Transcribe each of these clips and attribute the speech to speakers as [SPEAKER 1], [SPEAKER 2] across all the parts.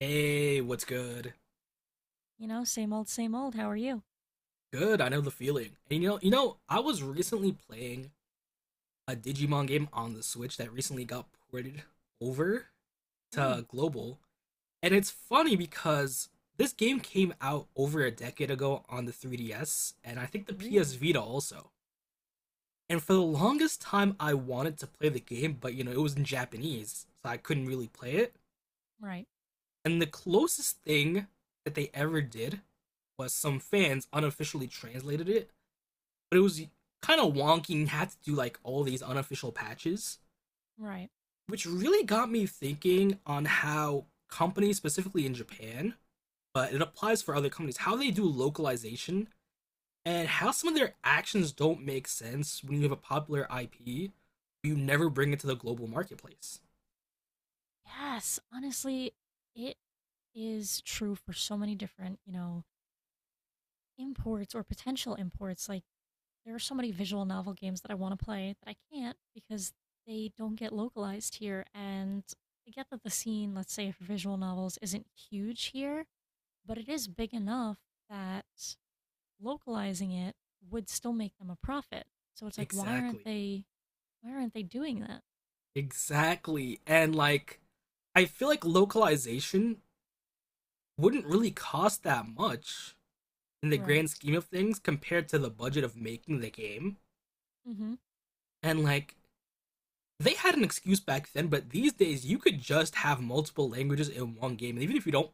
[SPEAKER 1] Hey, what's good?
[SPEAKER 2] Same old, same old. How are you?
[SPEAKER 1] Good, I know the feeling. And I was recently playing a Digimon game on the Switch that recently got ported over
[SPEAKER 2] Ooh,
[SPEAKER 1] to global, and it's funny because this game came out over a decade ago on the 3DS and I think the PS
[SPEAKER 2] really?
[SPEAKER 1] Vita also. And for the longest time I wanted to play the game, but it was in Japanese, so I couldn't really play it.
[SPEAKER 2] Right,
[SPEAKER 1] And the closest thing that they ever did was some fans unofficially translated it but it was kind of wonky and had to do like all these unofficial patches,
[SPEAKER 2] right.
[SPEAKER 1] which really got me thinking on how companies, specifically in Japan, but it applies for other companies, how they do localization and how some of their actions don't make sense when you have a popular IP, you never bring it to the global marketplace.
[SPEAKER 2] Yes, honestly, it is true for so many different, imports or potential imports. Like, there are so many visual novel games that I want to play that I can't because they don't get localized here. And I get that the scene, let's say, for visual novels isn't huge here, but it is big enough that localizing it would still make them a profit. So it's like, why aren't
[SPEAKER 1] Exactly.
[SPEAKER 2] they why aren't they doing that?
[SPEAKER 1] Exactly. And like, I feel like localization wouldn't really cost that much in the
[SPEAKER 2] Right.
[SPEAKER 1] grand scheme of things compared to the budget of making the game.
[SPEAKER 2] Mhm.
[SPEAKER 1] And like they had an excuse back then, but these days you could just have multiple languages in one game. And even if you don't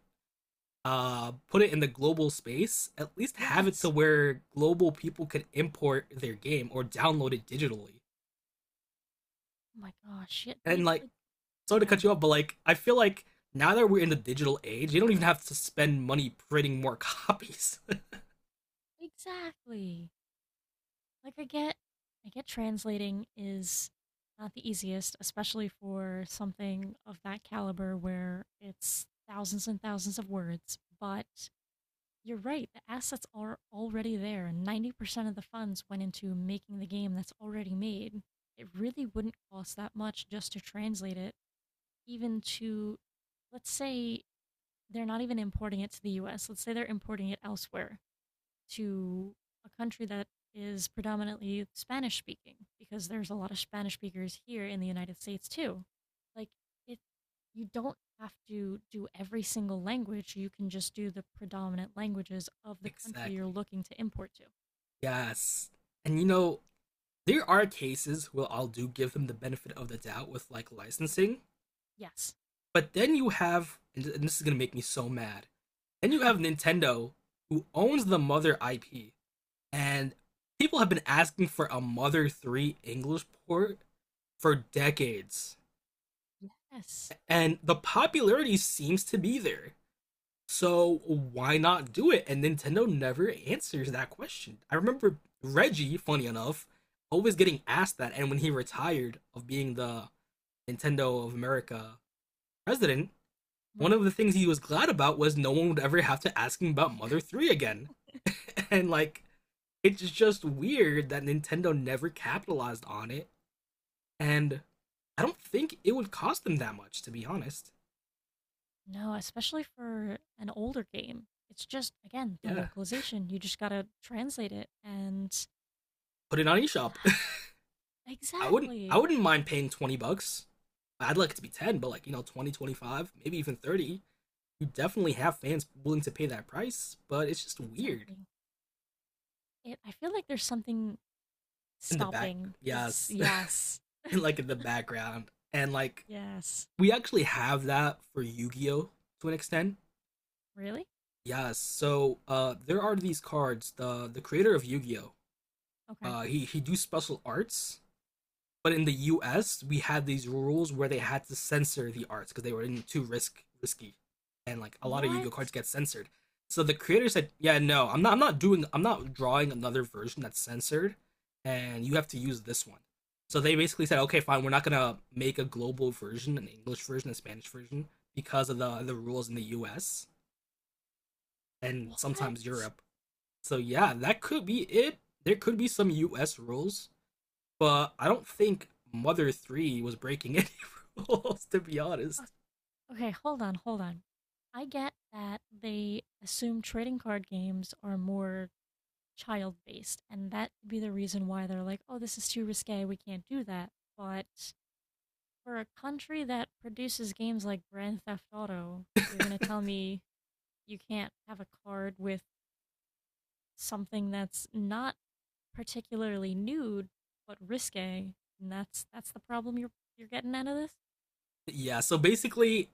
[SPEAKER 1] put it in the global space, at least have it to
[SPEAKER 2] Yes.
[SPEAKER 1] where global people could import their game or download it digitally.
[SPEAKER 2] Oh my gosh, shit, they
[SPEAKER 1] And like
[SPEAKER 2] like, oh,
[SPEAKER 1] sorry
[SPEAKER 2] go
[SPEAKER 1] to cut
[SPEAKER 2] ahead.
[SPEAKER 1] you off, but like I feel like now that we're in the digital age, you don't even have to spend money printing more copies.
[SPEAKER 2] Exactly. Like, I get translating is not the easiest, especially for something of that caliber where it's thousands and thousands of words, but you're right, the assets are already there. 90% of the funds went into making the game that's already made. It really wouldn't cost that much just to translate it, even to, let's say they're not even importing it to the US. Let's say they're importing it elsewhere to a country that is predominantly Spanish speaking because there's a lot of Spanish speakers here in the United States too. Like, it, you don't have to do every single language. You can just do the predominant languages of the country you're
[SPEAKER 1] Exactly.
[SPEAKER 2] looking to import to.
[SPEAKER 1] Yes. And you know, there are cases where I'll do give them the benefit of the doubt with like licensing.
[SPEAKER 2] Yes.
[SPEAKER 1] But then you have, and this is gonna make me so mad. Then you have Nintendo, who owns the Mother IP, and people have been asking for a Mother 3 English port for decades,
[SPEAKER 2] Yes.
[SPEAKER 1] and the popularity seems to be there. So why not do it? And Nintendo never answers that question. I remember Reggie, funny enough, always getting asked that, and when he retired of being the Nintendo of America president, one
[SPEAKER 2] Right.
[SPEAKER 1] of the things he was glad about was no one would ever have to ask him about Mother 3 again. And like it's just weird that Nintendo never capitalized on it and I don't think it would cost them that much to be honest.
[SPEAKER 2] No, especially for an older game. It's just again the
[SPEAKER 1] Yeah.
[SPEAKER 2] localization. You just got to translate it and—
[SPEAKER 1] Put it on eShop. I wouldn't
[SPEAKER 2] Exactly.
[SPEAKER 1] I wouldn't mind paying 20 bucks. I'd like it to be 10, but like, you know, 20, 25, maybe even 30. You definitely have fans willing to pay that price, but it's just weird.
[SPEAKER 2] Exactly. I feel like there's something
[SPEAKER 1] In the back,
[SPEAKER 2] stopping. Is
[SPEAKER 1] yes,
[SPEAKER 2] Yes,
[SPEAKER 1] like in the background and like
[SPEAKER 2] yes.
[SPEAKER 1] we actually have that for Yu-Gi-Oh to an extent.
[SPEAKER 2] Really?
[SPEAKER 1] Yes, so there are these cards. The creator of Yu-Gi-Oh,
[SPEAKER 2] Okay.
[SPEAKER 1] he do special arts but in the U.S., we had these rules where they had to censor the arts because they were too risky, and like a lot of
[SPEAKER 2] What?
[SPEAKER 1] Yu-Gi-Oh cards get censored. So the creator said, "Yeah, no, I'm not. I'm not doing. I'm not drawing another version that's censored, and you have to use this one." So they basically said, "Okay, fine. We're not gonna make a global version, an English version, a Spanish version, because of the rules in the U.S. and
[SPEAKER 2] What?
[SPEAKER 1] sometimes Europe." So yeah, that could be it. There could be some U.S. rules but I don't think Mother 3 was breaking any rules, to be
[SPEAKER 2] O-
[SPEAKER 1] honest.
[SPEAKER 2] Okay, hold on, hold on. I get that they assume trading card games are more child based, and that could be the reason why they're like, oh, this is too risque, we can't do that. But for a country that produces games like Grand Theft Auto, you're gonna tell me you can't have a card with something that's not particularly nude, but risque, and that's the problem you're getting out of this.
[SPEAKER 1] Yeah, so basically,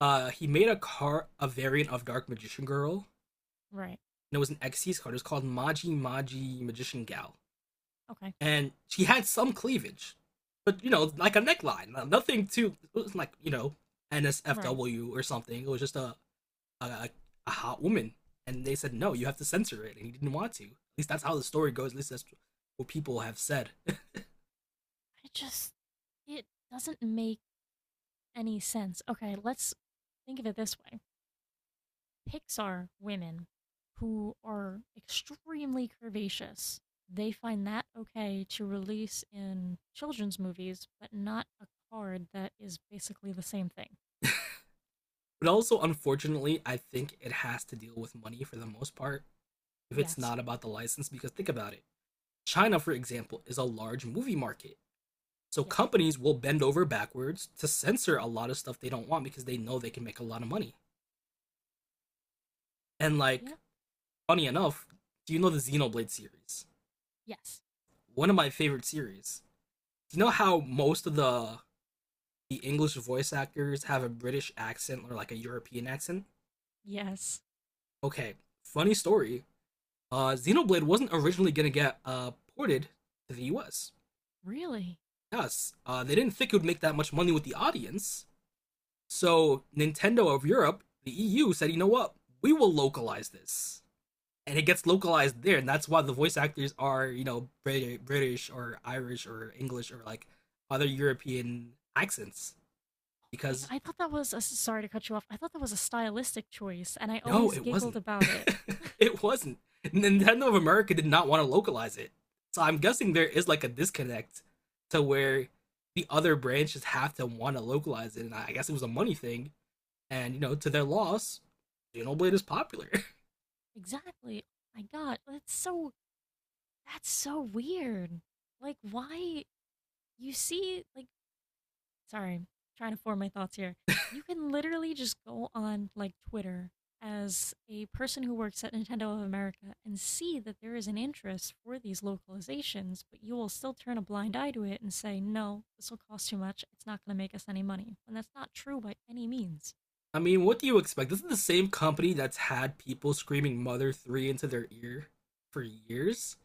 [SPEAKER 1] he made a variant of Dark Magician Girl,
[SPEAKER 2] Right.
[SPEAKER 1] and it was an X Xyz card. It was called Maji Maji Magician Gal,
[SPEAKER 2] Okay.
[SPEAKER 1] and she had some cleavage, but you know, like a neckline, nothing too. It was like you know,
[SPEAKER 2] Right.
[SPEAKER 1] NSFW or something. It was just a, a hot woman, and they said no, you have to censor it, and he didn't want to. At least that's how the story goes. At least that's what people have said.
[SPEAKER 2] I just It doesn't make any sense. Okay, let's think of it this way: Pixar women who are extremely curvaceous, they find that okay to release in children's movies, but not a card that is basically the same thing.
[SPEAKER 1] But also, unfortunately, I think it has to deal with money for the most part if it's
[SPEAKER 2] Yes.
[SPEAKER 1] not about the license. Because think about it, China, for example, is a large movie market. So
[SPEAKER 2] Yes.
[SPEAKER 1] companies will bend over backwards to censor a lot of stuff they don't want because they know they can make a lot of money. And,
[SPEAKER 2] Yeah.
[SPEAKER 1] like, funny enough, do you know the Xenoblade series?
[SPEAKER 2] Yes.
[SPEAKER 1] One of my favorite series. Do you know how most of the English voice actors have a British accent or like a European accent?
[SPEAKER 2] Yes.
[SPEAKER 1] Okay, funny story. Xenoblade wasn't originally gonna get ported to the US.
[SPEAKER 2] Really?
[SPEAKER 1] Yes, they didn't think it would make that much money with the audience. So Nintendo of Europe, the EU, said, you know what? We will localize this, and it gets localized there, and that's why the voice actors are, you know, British or Irish or English or like other European accents
[SPEAKER 2] Like,
[SPEAKER 1] because
[SPEAKER 2] I thought that was a— sorry to cut you off. I thought that was a stylistic choice, and I
[SPEAKER 1] No,
[SPEAKER 2] always
[SPEAKER 1] it
[SPEAKER 2] giggled
[SPEAKER 1] wasn't.
[SPEAKER 2] about it.
[SPEAKER 1] it wasn't. Nintendo of America did not want to localize it. So I'm guessing there is like a disconnect to where the other branches have to want to localize it. And I guess it was a money thing. And, you know, to their loss, Xenoblade is popular.
[SPEAKER 2] Exactly. Oh my God, that's so weird. Like, why— you see like— sorry, I'm trying to form my thoughts here. You can literally just go on like Twitter as a person who works at Nintendo of America and see that there is an interest for these localizations, but you will still turn a blind eye to it and say, no, this will cost too much. It's not going to make us any money. And that's not true by any means.
[SPEAKER 1] I mean, what do you expect? This is the same company that's had people screaming Mother 3 into their ear for years.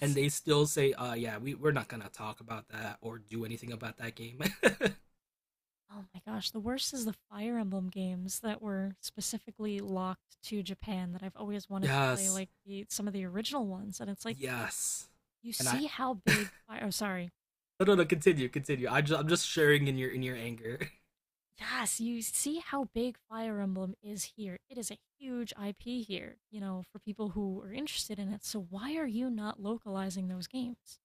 [SPEAKER 1] And they still say, yeah, we're not going to talk about that or do anything about that game.
[SPEAKER 2] Oh my gosh, the worst is the Fire Emblem games that were specifically locked to Japan that I've always wanted to play,
[SPEAKER 1] Yes.
[SPEAKER 2] like the some of the original ones. And it's like—
[SPEAKER 1] Yes.
[SPEAKER 2] you
[SPEAKER 1] And I
[SPEAKER 2] see how
[SPEAKER 1] No
[SPEAKER 2] big Fire— oh, sorry.
[SPEAKER 1] no, continue, continue. I just I'm just sharing in your anger.
[SPEAKER 2] Yes, you see how big Fire Emblem is here. It is a huge IP here, for people who are interested in it. So why are you not localizing those games?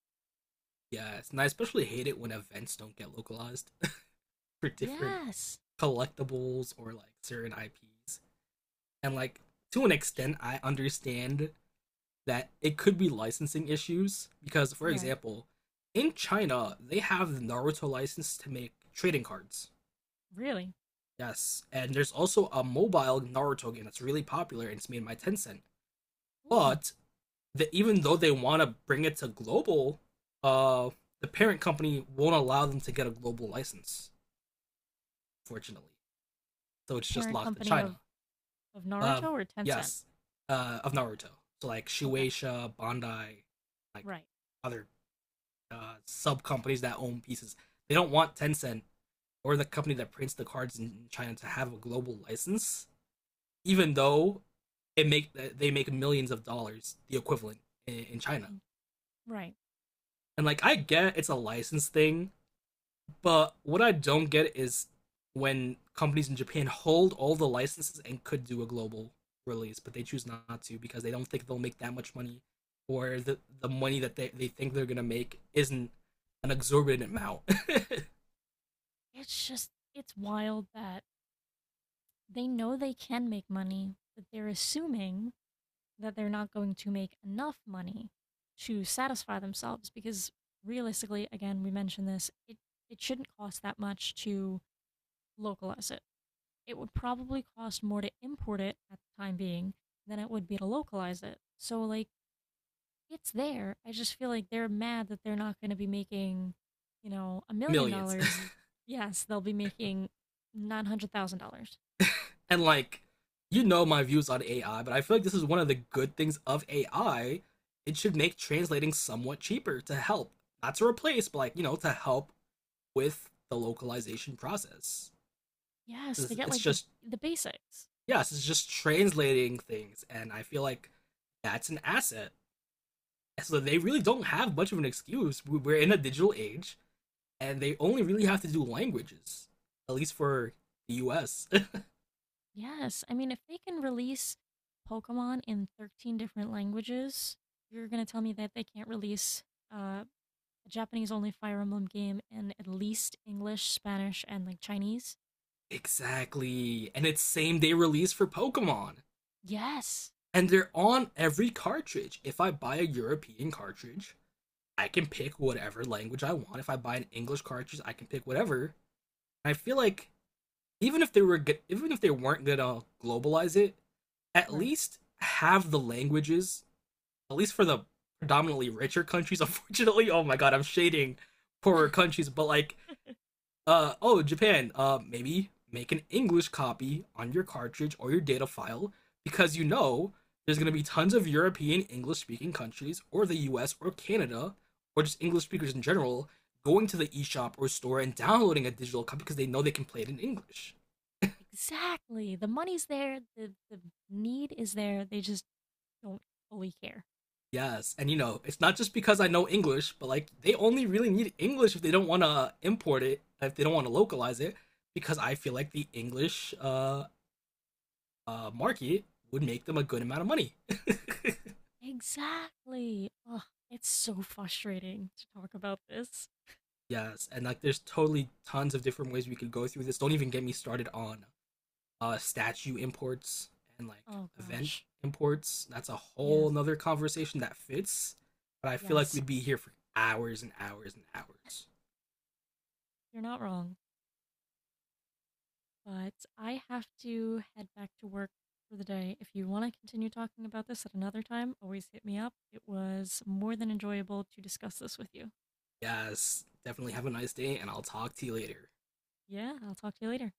[SPEAKER 1] Yes. And I especially hate it when events don't get localized for different
[SPEAKER 2] Yes.
[SPEAKER 1] collectibles or like certain IPs. And like to an extent I understand that it could be licensing issues because for
[SPEAKER 2] Right.
[SPEAKER 1] example, in China they have the Naruto license to make trading cards.
[SPEAKER 2] Really?
[SPEAKER 1] Yes. And there's also a mobile Naruto game that's really popular and it's made by Tencent.
[SPEAKER 2] Ooh.
[SPEAKER 1] But that even though they want to bring it to global, uh, the parent company won't allow them to get a global license, fortunately. So
[SPEAKER 2] The
[SPEAKER 1] it's just
[SPEAKER 2] parent
[SPEAKER 1] locked in
[SPEAKER 2] company of,
[SPEAKER 1] China.
[SPEAKER 2] of
[SPEAKER 1] Uh,
[SPEAKER 2] Naruto or Tencent?
[SPEAKER 1] yes, of
[SPEAKER 2] Okay.
[SPEAKER 1] Naruto. So like
[SPEAKER 2] Okay.
[SPEAKER 1] Shueisha, Bandai, like
[SPEAKER 2] Right.
[SPEAKER 1] other sub companies that own pieces. They don't want Tencent or the company that prints the cards in China to have a global license, even though it make they make millions of dollars, the equivalent in China.
[SPEAKER 2] Mm, right.
[SPEAKER 1] And like I get it's a license thing, but what I don't get is when companies in Japan hold all the licenses and could do a global release, but they choose not to because they don't think they'll make that much money, or the money that they think they're gonna make isn't an exorbitant amount.
[SPEAKER 2] It's just, it's wild that they know they can make money, but they're assuming that they're not going to make enough money to satisfy themselves. Because realistically, again, we mentioned this, it shouldn't cost that much to localize it. It would probably cost more to import it at the time being than it would be to localize it. So like, it's there. I just feel like they're mad that they're not going to be making a million
[SPEAKER 1] Millions.
[SPEAKER 2] dollars Yes, they'll be making $900,000.
[SPEAKER 1] And like, you know my views on AI, but I feel like this is one of the good things of AI. It should make translating somewhat cheaper to help, not to replace, but like you know to help with the localization process.
[SPEAKER 2] Yes, to get
[SPEAKER 1] It's
[SPEAKER 2] like the
[SPEAKER 1] just
[SPEAKER 2] the basics.
[SPEAKER 1] yes, it's just translating things, and I feel like that's an asset. So they really don't have much of an excuse. We- are in a digital age, and they only really have to do languages, at least for the U.S.
[SPEAKER 2] Yes, I mean, if they can release Pokemon in 13 different languages, you're gonna tell me that they can't release uh, a Japanese-only Fire Emblem game in at least English, Spanish, and like Chinese?
[SPEAKER 1] Exactly, and it's same day release for Pokemon,
[SPEAKER 2] Yes,
[SPEAKER 1] and they're on every cartridge. If I buy a European cartridge, I can pick whatever language I want. If I buy an English cartridge, I can pick whatever. I feel like even if they were good, even if they weren't gonna globalize it, at
[SPEAKER 2] right.
[SPEAKER 1] least have the languages, at least for the predominantly richer countries. Unfortunately, oh my god, I'm shading poorer countries, but like, oh Japan, maybe make an English copy on your cartridge or your data file because you know there's gonna be tons of European English speaking countries or the U.S. or Canada or just English speakers in general going to the eShop or store and downloading a digital copy because they know they can play it in English.
[SPEAKER 2] Exactly. The money's there, the need is there. They just don't fully care.
[SPEAKER 1] Yes, and you know, it's not just because I know English, but like they only really need English if they don't want to import it, if they don't want to localize it, because I feel like the English market would make them a good amount of money.
[SPEAKER 2] Exactly. Ugh, it's so frustrating to talk about this.
[SPEAKER 1] Yes, and like there's totally tons of different ways we could go through this. Don't even get me started on statue imports and like
[SPEAKER 2] Oh
[SPEAKER 1] event
[SPEAKER 2] gosh.
[SPEAKER 1] imports. That's a whole
[SPEAKER 2] Yes,
[SPEAKER 1] nother conversation that fits, but I feel like
[SPEAKER 2] yes.
[SPEAKER 1] we'd be here for hours and hours and hours.
[SPEAKER 2] You're not wrong. But I have to head back to work for the day. If you want to continue talking about this at another time, always hit me up. It was more than enjoyable to discuss this with you.
[SPEAKER 1] Yes. Definitely have a nice day, and I'll talk to you later.
[SPEAKER 2] Yeah, I'll talk to you later.